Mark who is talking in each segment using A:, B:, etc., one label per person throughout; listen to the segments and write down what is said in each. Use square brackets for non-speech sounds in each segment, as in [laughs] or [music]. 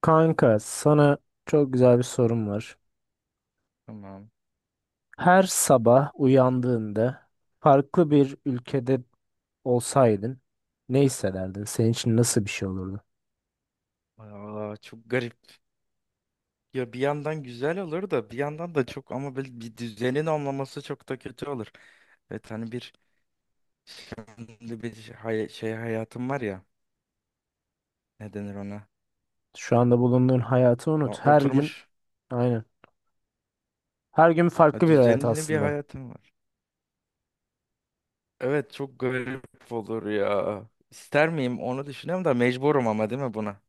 A: Kanka, sana çok güzel bir sorum var.
B: Tamam.
A: Her sabah uyandığında farklı bir ülkede olsaydın ne hissederdin? Senin için nasıl bir şey olurdu?
B: Çok garip. Ya bir yandan güzel olur da bir yandan da çok ama böyle bir düzenin olmaması çok da kötü olur. Evet, hani bir şey, şey hayatım var ya, ne denir ona?
A: Şu anda bulunduğun hayatı
B: Ya
A: unut. Her gün
B: oturmuş,
A: aynen. Her gün
B: ya
A: farklı bir hayat
B: düzenli bir
A: aslında.
B: hayatım var. Evet, çok garip olur ya. İster miyim onu düşünüyorum da mecburum ama, değil mi, buna?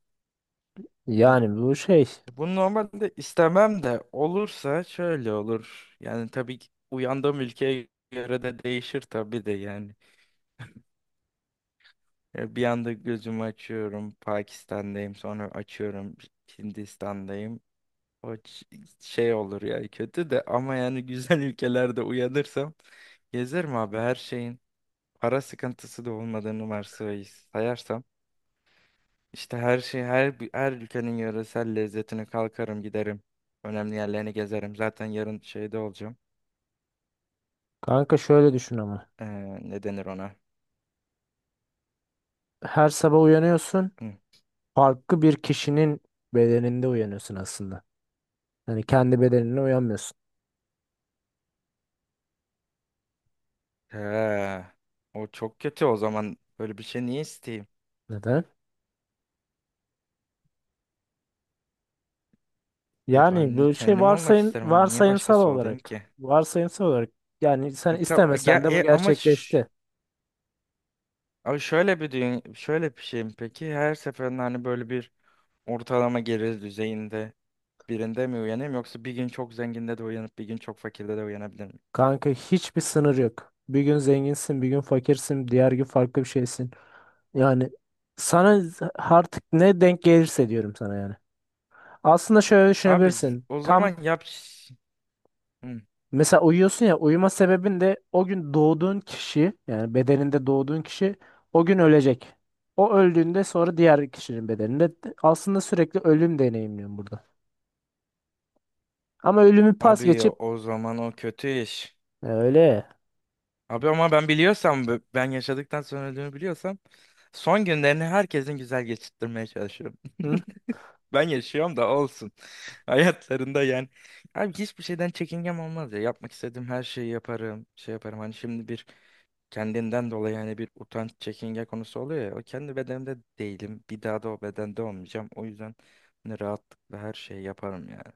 B: Ya,
A: Yani bu şey.
B: bunu normalde istemem de olursa şöyle olur. Yani tabii ki uyandığım ülkeye göre de değişir tabii de yani. Ya, bir anda gözümü açıyorum, Pakistan'dayım. Sonra açıyorum, Hindistan'dayım. O ç- Şey olur ya kötü de, ama yani güzel [laughs] ülkelerde uyanırsam gezerim abi, her şeyin, para sıkıntısı da olmadığını sayarsam, işte her şey, her ülkenin yöresel lezzetine kalkarım giderim. Önemli yerlerini gezerim. Zaten yarın şeyde olacağım.
A: Kanka şöyle düşün ama.
B: Ee, Ne denir ona?
A: Her sabah uyanıyorsun.
B: Hı.
A: Farklı bir kişinin bedeninde uyanıyorsun aslında. Yani kendi bedenine uyanmıyorsun.
B: Ha, o çok kötü o zaman. Böyle bir şey niye isteyeyim?
A: Neden?
B: Ya ben
A: Yani
B: niye
A: böyle şey
B: kendim olmak isterim abi. Niye
A: varsayımsal
B: başkası olayım
A: olarak
B: ki?
A: yani sen
B: Ya, tab- ya,
A: istemesen de bu
B: e, ama ş-
A: gerçekleşti.
B: Abi şöyle bir düğün, şöyle bir şey mi peki? Her seferinde hani böyle bir ortalama gelir düzeyinde birinde mi uyanayım, yoksa bir gün çok zenginde de uyanıp bir gün çok fakirde de uyanabilir miyim?
A: Kanka hiçbir sınır yok. Bir gün zenginsin, bir gün fakirsin, diğer gün farklı bir şeysin. Yani sana artık ne denk gelirse diyorum sana yani. Aslında şöyle düşünebilirsin.
B: O
A: Tam
B: zaman yap. Hı.
A: mesela uyuyorsun ya uyuma sebebin de o gün doğduğun kişi yani bedeninde doğduğun kişi o gün ölecek. O öldüğünde sonra diğer kişinin bedeninde aslında sürekli ölüm deneyimliyorum burada. Ama ölümü pas
B: Abi,
A: geçip
B: o zaman o kötü iş.
A: E, öyle.
B: Abi ama ben biliyorsam, ben yaşadıktan sonra öldüğümü biliyorsam, son günlerini herkesin güzel geçirtmeye çalışıyorum.
A: Hı?
B: Ben yaşıyorum da olsun. [laughs] Hayatlarında yani. Abi hiçbir şeyden çekingem olmaz ya. Yapmak istediğim her şeyi yaparım. Şey yaparım. Hani şimdi bir kendinden dolayı hani bir utanç, çekinge konusu oluyor ya. O kendi bedenimde değilim. Bir daha da o bedende olmayacağım. O yüzden hani rahatlıkla her şeyi yaparım yani.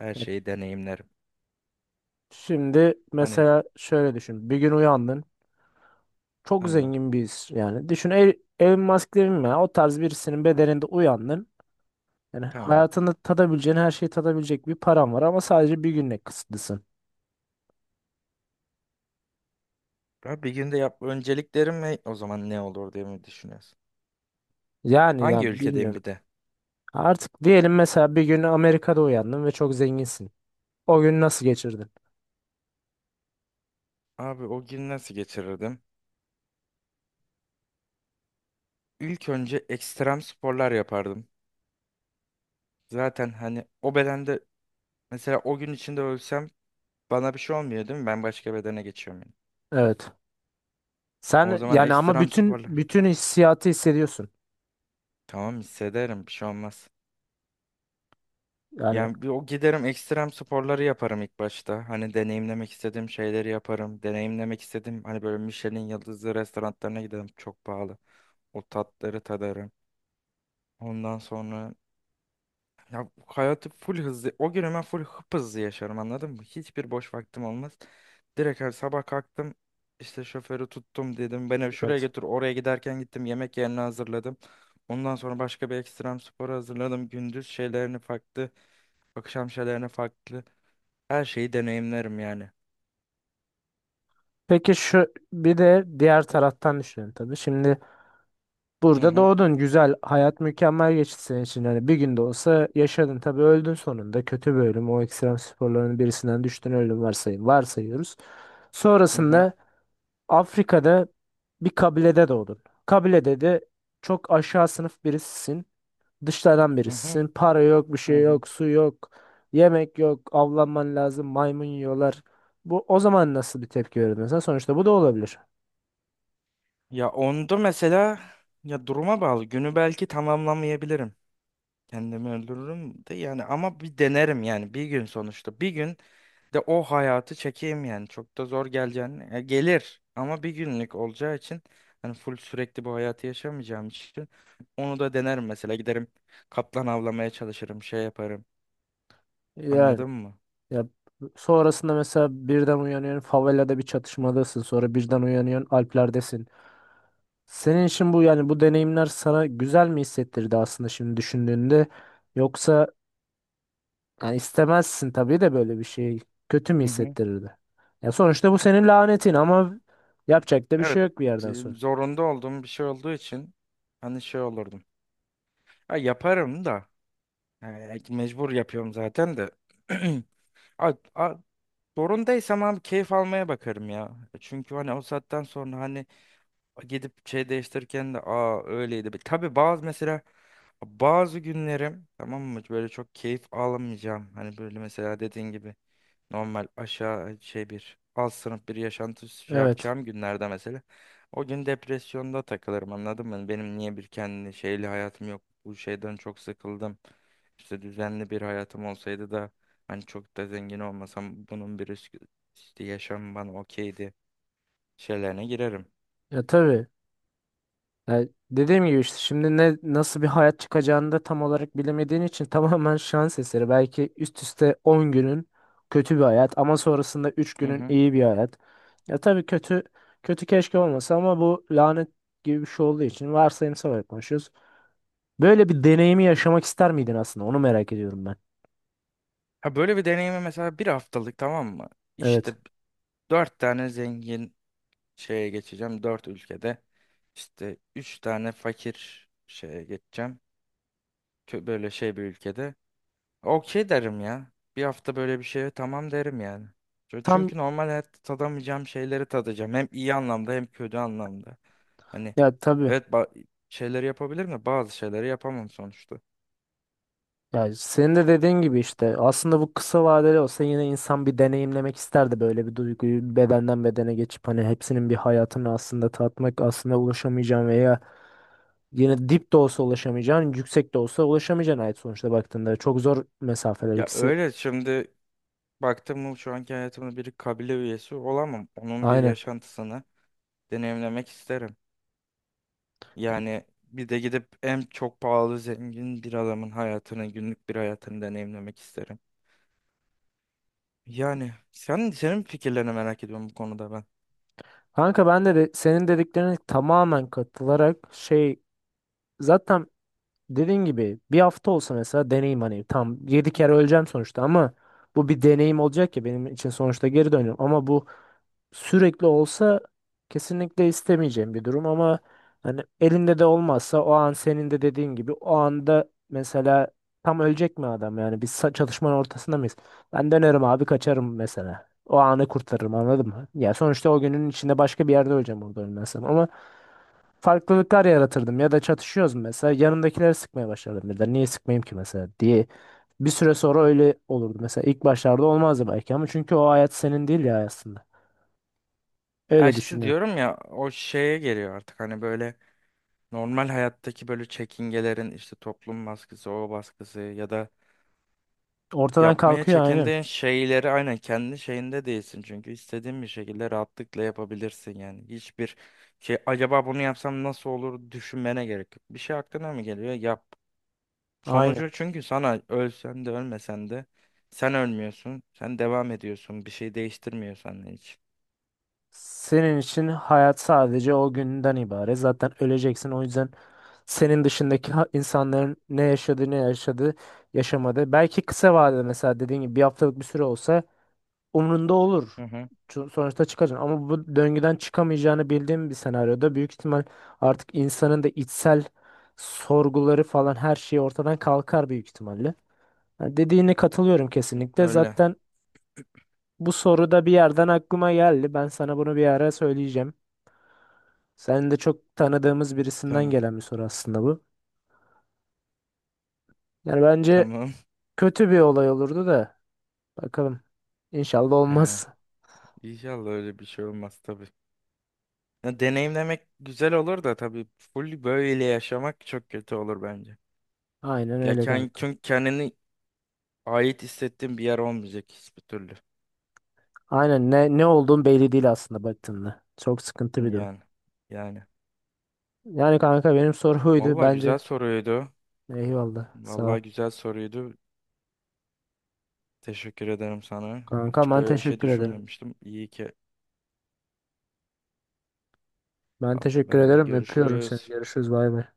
B: Her
A: E,
B: şeyi deneyimlerim.
A: şimdi
B: Hani
A: mesela şöyle düşün. Bir gün uyandın. Çok
B: tamam,
A: zengin birisi yani. Düşün Elon Musk demeyeyim ya. O tarz birisinin bedeninde uyandın. Yani
B: tamam.
A: hayatını tadabileceğin her şeyi tadabilecek bir paran var ama sadece bir günle kısıtlısın.
B: Abi bir günde yap, önceliklerim ne? O zaman ne olur diye mi düşünüyorsun?
A: Yani ya
B: Hangi ülkedeyim
A: bilmiyorum.
B: bir de?
A: Artık diyelim mesela bir gün Amerika'da uyandın ve çok zenginsin. O gün nasıl geçirdin?
B: Abi o gün nasıl geçirirdim? İlk önce ekstrem sporlar yapardım. Zaten hani o bedende, mesela o gün içinde ölsem bana bir şey olmuyor, değil mi? Ben başka bedene geçiyorum yani.
A: Evet.
B: O
A: Sen
B: zaman
A: yani ama
B: ekstrem
A: bütün
B: sporlar.
A: bütün hissiyatı hissediyorsun.
B: Tamam, hissederim, bir şey olmaz.
A: Yani
B: Yani bir o giderim, ekstrem sporları yaparım ilk başta. Hani deneyimlemek istediğim şeyleri yaparım. Deneyimlemek istediğim hani böyle Michelin yıldızlı restoranlarına giderim. Çok pahalı. O tatları tadarım. Ondan sonra ya hayatı full hızlı. O gün hemen full hızlı yaşarım, anladın mı? Hiçbir boş vaktim olmaz. Direkt her sabah kalktım, işte şoförü tuttum, dedim beni şuraya
A: evet.
B: götür, oraya giderken gittim, yemek yerini hazırladım. Ondan sonra başka bir ekstrem sporu hazırladım. Gündüz şeylerini farklı. Akşam şeylerini farklı. Her şeyi deneyimlerim yani.
A: Peki şu bir de diğer taraftan düşünün tabii. Şimdi
B: Hı
A: burada
B: hı,
A: doğdun güzel hayat mükemmel geçti senin için. Hani bir gün de olsa yaşadın tabii öldün sonunda kötü bir ölüm. O ekstrem sporların birisinden düştün öldün varsayın, varsayıyoruz.
B: hı hı,
A: Sonrasında Afrika'da bir kabilede doğdun. Kabilede de çok aşağı sınıf birisisin. Dışlardan
B: hı hı.
A: birisisin. Para yok, bir
B: Hı
A: şey
B: hı.
A: yok, su yok, yemek yok, avlanman lazım, maymun yiyorlar. Bu o zaman nasıl bir tepki verirdin sen? Sonuçta bu da olabilir.
B: Ya onda mesela, ya duruma bağlı. Günü belki tamamlamayabilirim. Kendimi öldürürüm de yani, ama bir denerim yani, bir gün sonuçta. Bir gün de o hayatı çekeyim yani. Çok da zor geleceğini. Ya gelir ama bir günlük olacağı için, hani full sürekli bu hayatı yaşamayacağım için onu da denerim mesela. Giderim, kaplan avlamaya çalışırım, şey yaparım.
A: Yani
B: Anladın mı?
A: ya sonrasında mesela birden uyanıyorsun favelada bir çatışmadasın sonra birden uyanıyorsun Alplerdesin. Senin için bu yani bu deneyimler sana güzel mi hissettirdi aslında şimdi düşündüğünde yoksa yani istemezsin tabii de böyle bir şey kötü mü
B: Hı hı.
A: hissettirirdi? Ya sonuçta bu senin lanetin ama yapacak da bir şey
B: Evet,
A: yok bir yerden sonra.
B: zorunda olduğum bir şey olduğu için hani şey olurdum. Ha, yaparım da, mecbur yapıyorum zaten de. [clears throat] A- a- Zorundaysam abi keyif almaya bakarım ya. Çünkü hani o saatten sonra hani gidip şey değiştirirken de, aa, öyleydi. Tabii bazı mesela, bazı günlerim, tamam mı, böyle çok keyif alamayacağım. Hani böyle mesela dediğin gibi. Normal aşağı hani, şey bir alt sınıf bir yaşantı şey
A: Evet.
B: yapacağım günlerde mesela. O gün depresyonda takılırım, anladın mı? Hani benim niye bir kendi şeyli hayatım yok. Bu şeyden çok sıkıldım. İşte düzenli bir hayatım olsaydı da hani çok da zengin olmasam, bunun bir risk, işte yaşam bana okeydi şeylerine girerim.
A: Ya tabii. Ya dediğim gibi işte şimdi ne nasıl bir hayat çıkacağını da tam olarak bilemediğin için [laughs] tamamen şans eseri. Belki üst üste 10 günün kötü bir hayat ama sonrasında 3
B: Hı
A: günün
B: hı.
A: iyi bir hayat. Ya tabii kötü kötü keşke olmasa ama bu lanet gibi bir şey olduğu için varsayımsal olarak konuşuyoruz. Böyle bir deneyimi yaşamak ister miydin aslında? Onu merak ediyorum ben.
B: Ha, böyle bir deneyimi mesela bir haftalık, tamam mı? İşte
A: Evet.
B: dört tane zengin şeye geçeceğim dört ülkede. İşte üç tane fakir şeye geçeceğim. Böyle şey bir ülkede. Okey derim ya. Bir hafta böyle bir şeye tamam derim yani.
A: Tam
B: Çünkü normal hayatta tadamayacağım şeyleri tadacağım. Hem iyi anlamda hem kötü anlamda. Hani
A: ya tabii
B: evet, şeyleri yapabilirim de bazı şeyleri yapamam sonuçta.
A: ya senin de dediğin gibi işte aslında bu kısa vadeli olsa yine insan bir deneyimlemek isterdi böyle bir duyguyu bedenden bedene geçip hani hepsinin bir hayatını aslında tatmak aslında ulaşamayacağın veya yine dip de olsa ulaşamayacağın yüksek de olsa ulaşamayacağın ait sonuçta baktığında çok zor mesafeler
B: Ya
A: ikisi.
B: öyle, şimdi baktım mı şu anki hayatımda bir kabile üyesi olamam. Onun bir
A: Aynen.
B: yaşantısını deneyimlemek isterim. Yani bir de gidip en çok pahalı zengin bir adamın hayatını, günlük bir hayatını deneyimlemek isterim. Yani sen, fikirlerini merak ediyorum bu konuda ben.
A: Kanka ben de senin dediklerine tamamen katılarak şey zaten dediğin gibi bir hafta olsa mesela deneyim hani tam 7 kere öleceğim sonuçta ama bu bir deneyim olacak ya benim için sonuçta geri dönüyorum ama bu sürekli olsa kesinlikle istemeyeceğim bir durum ama hani elinde de olmazsa o an senin de dediğin gibi o anda mesela tam ölecek mi adam yani biz çatışmanın ortasında mıyız? Ben dönerim abi kaçarım mesela. O anı kurtarırım anladın mı? Ya sonuçta o günün içinde başka bir yerde öleceğim orada ölmezsem ama farklılıklar yaratırdım ya da çatışıyoruz mesela yanımdakileri sıkmaya başlardım birden niye sıkmayayım ki mesela diye bir süre sonra öyle olurdu mesela ilk başlarda olmazdı belki ama çünkü o hayat senin değil ya aslında
B: Ya
A: öyle
B: işte
A: düşünüyorum.
B: diyorum ya, o şeye geliyor artık hani böyle normal hayattaki böyle çekingelerin, işte toplum baskısı, o baskısı ya da
A: Ortadan
B: yapmaya
A: kalkıyor aynen.
B: çekindiğin şeyleri, aynen kendi şeyinde değilsin çünkü, istediğin bir şekilde rahatlıkla yapabilirsin yani. Hiçbir şey, acaba bunu yapsam nasıl olur, düşünmene gerek yok. Bir şey aklına mı geliyor, yap.
A: Aynen.
B: Sonucu çünkü sana, ölsen de ölmesen de sen ölmüyorsun. Sen devam ediyorsun. Bir şey değiştirmiyor senden hiç.
A: Senin için hayat sadece o günden ibaret. Zaten öleceksin. O yüzden senin dışındaki insanların ne yaşadığı yaşamadı. Belki kısa vadede mesela dediğin gibi bir haftalık bir süre olsa umrunda olur.
B: Hı hı.
A: Sonuçta çıkacaksın. Ama bu döngüden çıkamayacağını bildiğim bir senaryoda büyük ihtimal artık insanın da içsel sorguları falan her şey ortadan kalkar büyük ihtimalle. Yani dediğine katılıyorum kesinlikle.
B: Öyle.
A: Zaten bu soru da bir yerden aklıma geldi. Ben sana bunu bir ara söyleyeceğim. Senin de çok tanıdığımız birisinden
B: Tamam.
A: gelen bir soru aslında bu. Yani bence
B: Tamam.
A: kötü bir olay olurdu da bakalım. İnşallah
B: [laughs] He.
A: olmaz.
B: İnşallah öyle bir şey olmaz tabii. Ya, deneyimlemek güzel olur da, tabii full böyle yaşamak çok kötü olur bence.
A: Aynen öyle kanka.
B: Çünkü kendini ait hissettiğin bir yer olmayacak hiçbir türlü.
A: Aynen ne ne olduğun belli değil aslında baktığında. Çok sıkıntı bir durum.
B: Yani. Yani.
A: Yani kanka benim soru buydu
B: Vallahi güzel
A: bence.
B: soruydu.
A: Eyvallah. Sağ ol.
B: Vallahi güzel soruydu. Teşekkür ederim sana.
A: Kanka
B: Hiç
A: ben
B: böyle bir şey
A: teşekkür ederim.
B: düşünmemiştim. İyi ki
A: Ben teşekkür
B: ben de,
A: ederim. Öpüyorum seni.
B: görüşürüz.
A: Görüşürüz. Bay bay.